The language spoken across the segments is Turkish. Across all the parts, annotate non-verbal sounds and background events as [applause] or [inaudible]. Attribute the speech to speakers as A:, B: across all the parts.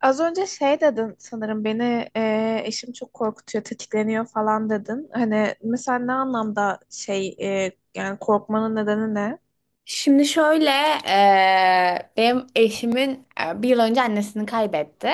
A: Az önce şey dedin sanırım beni eşim çok korkutuyor, tetikleniyor falan dedin. Hani mesela ne anlamda şey yani korkmanın nedeni ne?
B: Şimdi şöyle, benim eşimin bir yıl önce annesini kaybetti.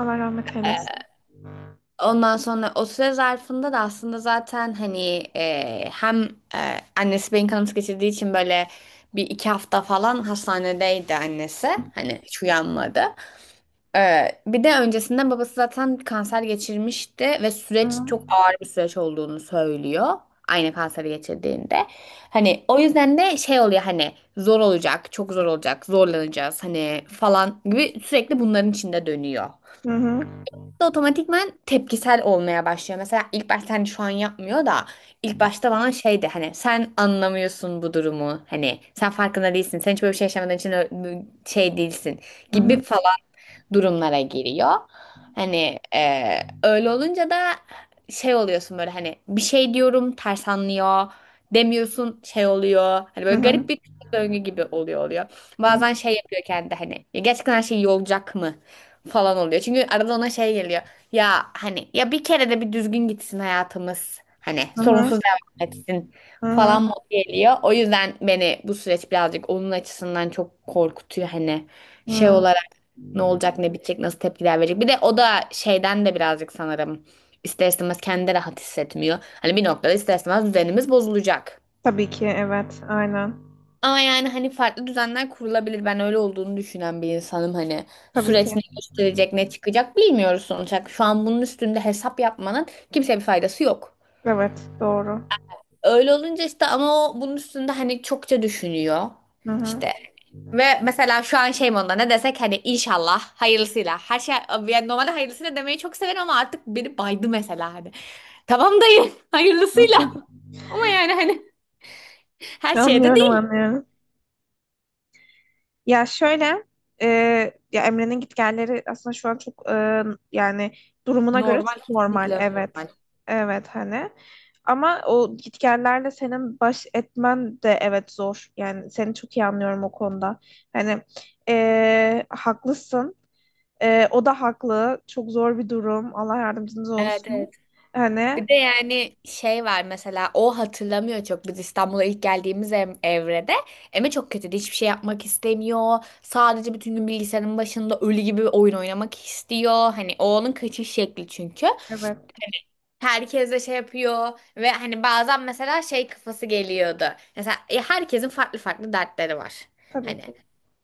A: Allah rahmet eylesin.
B: Ondan sonra o süre zarfında da aslında zaten hani hem annesi beyin kanaması geçirdiği için böyle bir iki hafta falan hastanedeydi annesi. Hani hiç uyanmadı. Bir de öncesinde babası zaten kanser geçirmişti ve
A: Hı
B: süreç çok ağır bir süreç olduğunu söylüyor. Aynı kanseri geçirdiğinde. Hani o yüzden de şey oluyor hani zor olacak, çok zor olacak, zorlanacağız hani falan gibi sürekli bunların içinde dönüyor
A: hı hı
B: da otomatikman tepkisel olmaya başlıyor. Mesela ilk başta hani şu an yapmıyor da ilk başta bana şeydi hani sen anlamıyorsun bu durumu. Hani sen farkında değilsin. Sen hiç böyle bir şey yaşamadığın için şey değilsin
A: hı
B: gibi falan durumlara giriyor. Hani öyle olunca da şey oluyorsun böyle hani bir şey diyorum ters anlıyor. Demiyorsun şey oluyor. Hani
A: hı
B: böyle
A: hı
B: garip
A: hı
B: bir döngü gibi oluyor. Bazen şey yapıyor kendi hani "Ya gerçekten her şey iyi olacak mı? Falan oluyor. Çünkü arada ona şey geliyor. Ya hani ya bir kere de bir düzgün gitsin hayatımız. Hani
A: hı
B: sorunsuz devam etsin
A: hı
B: falan
A: hı.
B: modu geliyor. O yüzden beni bu süreç birazcık onun açısından çok korkutuyor. Hani şey
A: Hı.
B: olarak ne olacak ne bitecek nasıl tepkiler verecek. Bir de o da şeyden de birazcık sanırım ister istemez kendi de rahat hissetmiyor. Hani bir noktada ister istemez düzenimiz bozulacak.
A: Tabii ki evet aynen.
B: Ama yani hani farklı düzenler kurulabilir. Ben öyle olduğunu düşünen bir insanım hani.
A: Tabii
B: Süreç
A: ki.
B: ne gösterecek, ne çıkacak bilmiyoruz sonuç olarak. Şu an bunun üstünde hesap yapmanın kimseye bir faydası yok.
A: Evet doğru.
B: Öyle olunca işte ama o bunun üstünde hani çokça düşünüyor.
A: Hı hı.
B: İşte ve mesela şu an şey modunda ne desek hani inşallah hayırlısıyla. Her şey yani normalde hayırlısıyla demeyi çok severim ama artık beni baydı mesela hani. Tamam dayı [laughs] hayırlısıyla.
A: Okey.
B: Ama yani hani her şeye de
A: Anlıyorum
B: değil.
A: anlıyorum. Ya şöyle, e, ya Emre'nin gitgelleri aslında şu an çok yani durumuna göre
B: Normal
A: çok normal.
B: kesinlikle
A: Evet.
B: normal.
A: Evet hani. Ama o gitgellerle senin baş etmen de evet zor. Yani seni çok iyi anlıyorum o konuda. Hani haklısın. E, o da haklı. Çok zor bir durum. Allah yardımcınız
B: Evet,
A: olsun.
B: evet.
A: Hani
B: Bir de yani şey var mesela o hatırlamıyor çok biz İstanbul'a ilk geldiğimiz evrede Eme çok kötüydü hiçbir şey yapmak istemiyor sadece bütün gün bilgisayarın başında ölü gibi oyun oynamak istiyor hani o onun kaçış şekli çünkü
A: evet
B: herkes de şey yapıyor ve hani bazen mesela şey kafası geliyordu mesela herkesin farklı farklı dertleri var
A: tabii
B: hani
A: ki.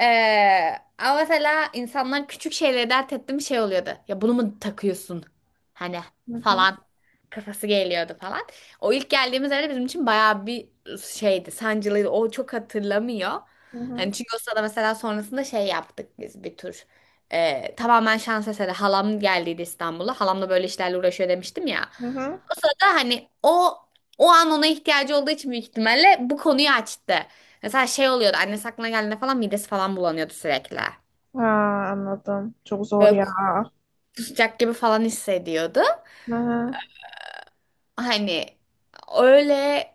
B: ama mesela insanlar küçük şeyleri dert etti şey oluyordu. Ya bunu mu takıyorsun? Hani
A: Hı hı,
B: falan kafası geliyordu falan. O ilk geldiğimiz evde bizim için bayağı bir şeydi, sancılıydı. O çok hatırlamıyor.
A: hı
B: Hani
A: hı,
B: çünkü o sırada mesela sonrasında şey yaptık biz bir tur. Tamamen şans eseri halam geldiydi İstanbul'a. Halam da böyle işlerle uğraşıyor demiştim ya.
A: hı hı.
B: O sırada hani o an ona ihtiyacı olduğu için büyük ihtimalle bu konuyu açtı. Mesela şey oluyordu annesi aklına geldiğinde falan midesi falan bulanıyordu sürekli.
A: Ha, anladım. Çok zor
B: Böyle
A: ya.
B: kusacak gibi falan hissediyordu.
A: Hı hı.
B: Hani öyle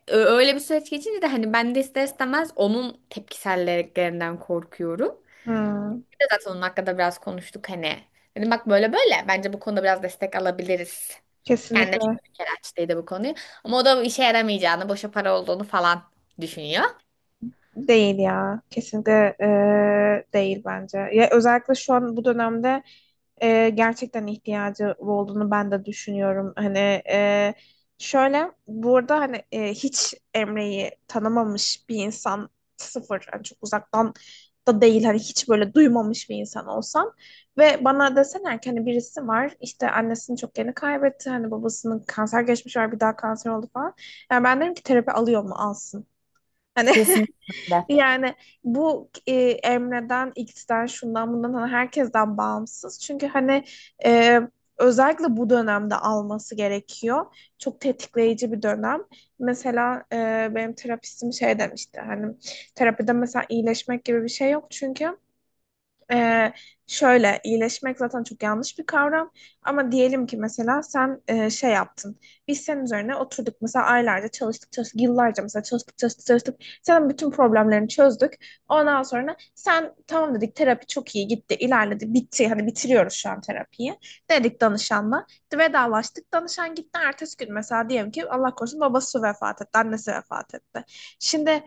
B: öyle bir süreç geçince de hani ben de ister istemez onun tepkiselliklerinden korkuyorum.
A: Hı.
B: Bir de zaten onun hakkında biraz konuştuk hani. Dedim bak böyle bence bu konuda biraz destek alabiliriz. Kendine çünkü
A: Kesinlikle
B: bir kere açtıydı bu konuyu. Ama o da işe yaramayacağını, boşa para olduğunu falan düşünüyor.
A: değil ya. Kesinlikle değil bence. Ya özellikle şu an bu dönemde gerçekten ihtiyacı olduğunu ben de düşünüyorum. Hani e, şöyle burada hani hiç Emre'yi tanımamış bir insan, sıfır hani çok uzaktan da değil hani hiç böyle duymamış bir insan olsam ve bana deseler ki hani birisi var, işte annesini çok yeni kaybetti, hani babasının kanser geçmiş var, bir daha kanser oldu falan. Yani ben derim ki terapi alıyor mu, alsın. Hani,
B: Kesinlikle. Öyle.
A: yani bu Emre'den, X'den, şundan bundan, hani herkesten bağımsız. Çünkü hani e, özellikle bu dönemde alması gerekiyor. Çok tetikleyici bir dönem. Mesela benim terapistim şey demişti hani terapide mesela iyileşmek gibi bir şey yok, çünkü ee, şöyle iyileşmek zaten çok yanlış bir kavram, ama diyelim ki mesela sen şey yaptın, biz senin üzerine oturduk, mesela aylarca çalıştık çalıştık, yıllarca mesela çalıştık çalıştık çalıştık, senin bütün problemlerini çözdük, ondan sonra sen tamam dedik, terapi çok iyi gitti, ilerledi, bitti, hani bitiriyoruz şu an terapiyi dedik, danışanla vedalaştık, danışan gitti, ertesi gün mesela diyelim ki Allah korusun babası vefat etti, annesi vefat etti. Şimdi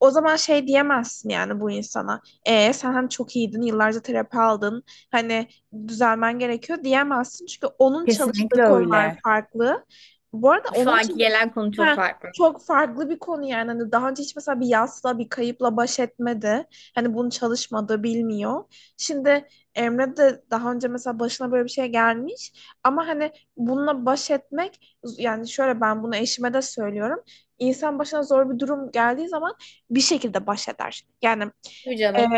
A: o zaman şey diyemezsin yani bu insana. E sen hani çok iyiydin, yıllarca terapi aldın. Hani düzelmen gerekiyor diyemezsin. Çünkü onun çalıştığı
B: Kesinlikle
A: konular
B: öyle.
A: farklı. Bu arada
B: Şu
A: onun
B: anki
A: için,
B: gelen konu çok
A: Heh,
B: farklı.
A: çok farklı bir konu yani. Hani daha önce hiç mesela bir yasla, bir kayıpla baş etmedi. Hani bunu çalışmadı, bilmiyor. Şimdi Emre de daha önce mesela başına böyle bir şey gelmiş. Ama hani bununla baş etmek, yani şöyle, ben bunu eşime de söylüyorum. İnsan başına zor bir durum geldiği zaman bir şekilde baş eder. Yani
B: Tabii
A: e,
B: canım.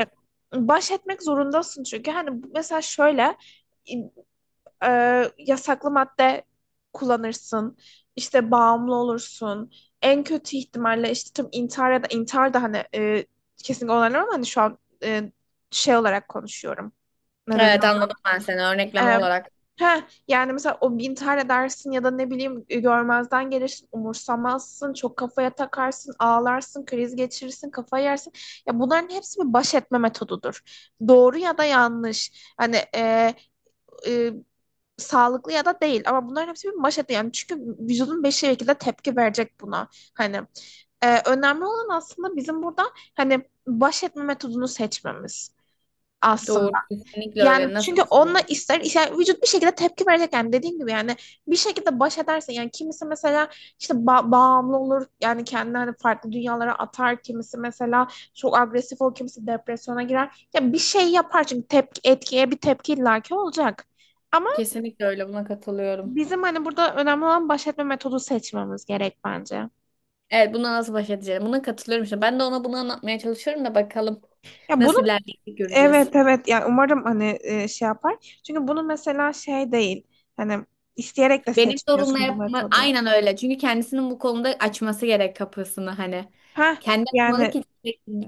A: baş etmek zorundasın, çünkü hani mesela şöyle yasaklı madde kullanırsın, işte bağımlı olursun, en kötü ihtimalle işte tüm intihar ya da intihar da hani kesinlikle onaylamam, ama hani şu an e, şey olarak konuşuyorum, neden?
B: Evet anladım ben seni örnekleme
A: Ee,
B: olarak.
A: heh, yani mesela o intihar dersin ya da ne bileyim, görmezden gelirsin, umursamazsın, çok kafaya takarsın, ağlarsın, kriz geçirirsin, kafa yersin. Ya bunların hepsi bir baş etme metodudur. Doğru ya da yanlış. Hani e, sağlıklı ya da değil, ama bunların hepsi bir baş etme. Yani çünkü vücudun bir şekilde tepki verecek buna. Hani önemli olan aslında bizim burada hani baş etme metodunu seçmemiz aslında.
B: Doğru kesinlikle öyle.
A: Yani
B: Nasıl
A: çünkü
B: baş edeceğim?
A: onunla ister, yani vücut bir şekilde tepki verecek yani, dediğim gibi, yani bir şekilde baş edersin. Yani kimisi mesela işte bağımlı olur, yani kendini hani farklı dünyalara atar, kimisi mesela çok agresif olur, kimisi depresyona girer ya bir şey yapar, çünkü tepki, etkiye bir tepki illaki olacak, ama
B: Kesinlikle öyle buna katılıyorum.
A: bizim hani burada önemli olan baş etme metodu seçmemiz gerek bence.
B: Evet buna nasıl baş edeceğim? Buna katılıyorum işte. Ben de ona bunu anlatmaya çalışıyorum da bakalım
A: Ya bunu,
B: nasıl ilerleyecek göreceğiz.
A: evet evet, yani umarım hani şey yapar, çünkü bunu mesela şey değil, hani isteyerek de
B: Benim sorumla
A: seçmiyorsun bu
B: yapma
A: metodu.
B: aynen öyle. Çünkü kendisinin bu konuda açması gerek kapısını hani.
A: Ha,
B: Kendi açmalı
A: yani
B: ki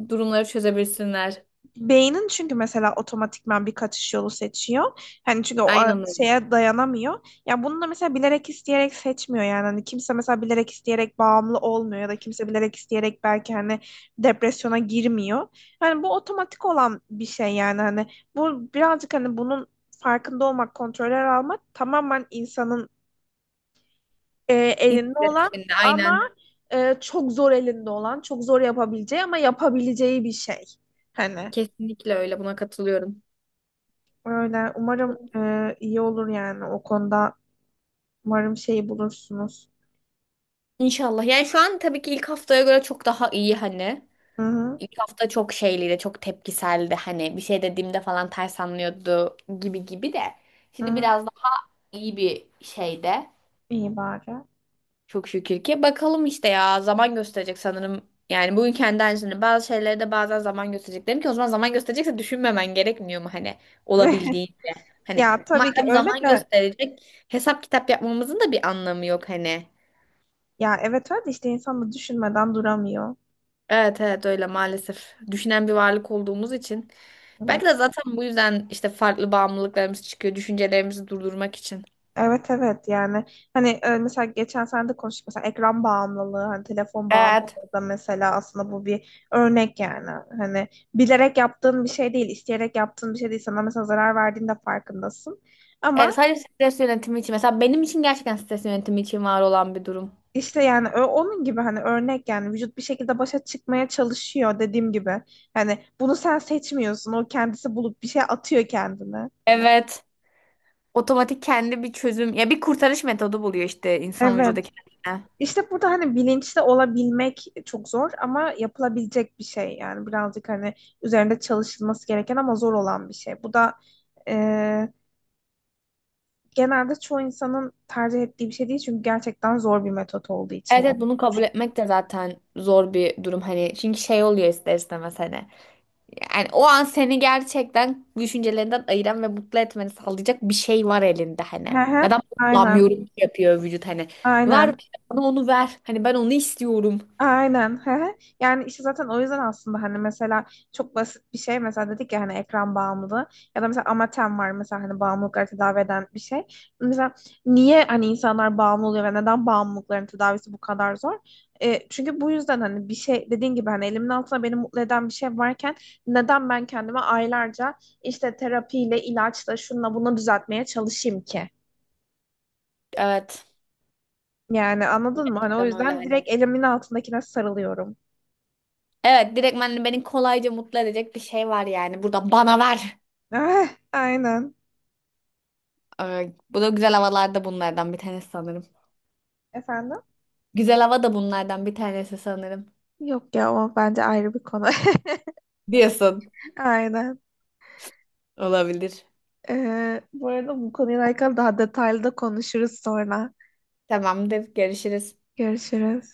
B: durumları çözebilsinler.
A: beynin çünkü mesela otomatikman bir kaçış yolu seçiyor. Hani çünkü o
B: Aynen öyle.
A: şeye dayanamıyor. Ya bunu da mesela bilerek isteyerek seçmiyor yani. Hani kimse mesela bilerek isteyerek bağımlı olmuyor, ya da kimse bilerek isteyerek belki hani depresyona girmiyor. Hani bu otomatik olan bir şey yani, hani bu birazcık hani bunun farkında olmak, kontroller almak tamamen insanın elinde olan,
B: İnisiyatifinde
A: ama
B: aynen.
A: çok zor elinde olan, çok zor yapabileceği ama yapabileceği bir şey. Hani.
B: Kesinlikle öyle buna katılıyorum.
A: Öyle. Umarım iyi olur yani o konuda. Umarım şey bulursunuz.
B: İnşallah. Yani şu an tabii ki ilk haftaya göre çok daha iyi hani.
A: Hı hı.
B: İlk hafta çok şeyliydi, çok tepkiseldi. Hani bir şey dediğimde falan ters anlıyordu gibi gibi de. Şimdi
A: Hı.
B: biraz daha iyi bir şeyde.
A: İyi bari.
B: Çok şükür ki. Bakalım işte ya zaman gösterecek sanırım. Yani bugün kendi aynısını. Bazı şeyleri de bazen zaman gösterecek. Dedim ki o zaman zaman gösterecekse düşünmemen gerekmiyor mu hani
A: [laughs]
B: olabildiğince. Hani
A: Ya tabii ki
B: madem
A: öyle
B: zaman
A: de,
B: gösterecek hesap kitap yapmamızın da bir anlamı yok hani.
A: ya evet öyle de, işte insan da düşünmeden duramıyor.
B: Evet evet öyle maalesef. Düşünen bir varlık olduğumuz için. Belki
A: Evet.
B: de zaten bu yüzden işte farklı bağımlılıklarımız çıkıyor. Düşüncelerimizi durdurmak için.
A: Evet evet, yani hani mesela geçen sene de konuştuk, mesela ekran bağımlılığı, hani telefon
B: Evet.
A: bağımlılığı da mesela aslında bu bir örnek yani, hani bilerek yaptığın bir şey değil, isteyerek yaptığın bir şey değil, sana mesela zarar verdiğinde farkındasın
B: Evet,
A: ama.
B: sadece stres yönetimi için. Mesela benim için gerçekten stres yönetimi için var olan bir durum.
A: İşte yani, onun gibi hani, örnek yani, vücut bir şekilde başa çıkmaya çalışıyor, dediğim gibi. Hani bunu sen seçmiyorsun. O kendisi bulup bir şey atıyor kendine.
B: Evet. Otomatik kendi bir çözüm ya bir kurtarış metodu buluyor işte insan
A: Evet.
B: vücudu kendine.
A: İşte burada hani bilinçli olabilmek çok zor ama yapılabilecek bir şey. Yani birazcık hani üzerinde çalışılması gereken ama zor olan bir şey. Bu da genelde çoğu insanın tercih ettiği bir şey değil, çünkü gerçekten zor bir metot olduğu için.
B: Evet,
A: O.
B: evet bunu kabul etmek de zaten zor bir durum hani çünkü şey oluyor ister istemez hani. Yani o an seni gerçekten düşüncelerinden ayıran ve mutlu etmeni sağlayacak bir şey var elinde hani.
A: Hı hı,
B: Neden
A: aynen,
B: kullanmıyorum ki yapıyor vücut hani. Ver
A: aynen.
B: bana onu ver. Hani ben onu istiyorum.
A: Aynen. Hı hı. Yani işte zaten o yüzden aslında, hani mesela çok basit bir şey mesela, dedik ya hani ekran bağımlılığı ya da mesela Amatem var mesela, hani bağımlılıkları tedavi eden bir şey. Mesela niye hani insanlar bağımlı oluyor ve neden bağımlılıkların tedavisi bu kadar zor? E, çünkü bu yüzden hani, bir şey dediğin gibi hani, elimin altında beni mutlu eden bir şey varken neden ben kendime aylarca işte terapiyle, ilaçla, şunla bunu düzeltmeye çalışayım ki?
B: Evet.
A: Yani anladın mı? Hani o
B: Gerçekten öyle
A: yüzden
B: hani.
A: direkt elimin altındakine sarılıyorum.
B: Evet direktmen beni kolayca mutlu edecek bir şey var yani. Burada bana ver.
A: [laughs] Aynen.
B: Bu da güzel havalarda bunlardan bir tanesi sanırım.
A: Efendim?
B: Güzel hava da bunlardan bir tanesi sanırım.
A: Yok ya, o bence ayrı bir konu.
B: Diyorsun.
A: [laughs] Aynen.
B: Olabilir.
A: Bu arada bu konuyla alakalı daha detaylı da konuşuruz sonra.
B: Tamamdır. Görüşürüz.
A: Görüşürüz.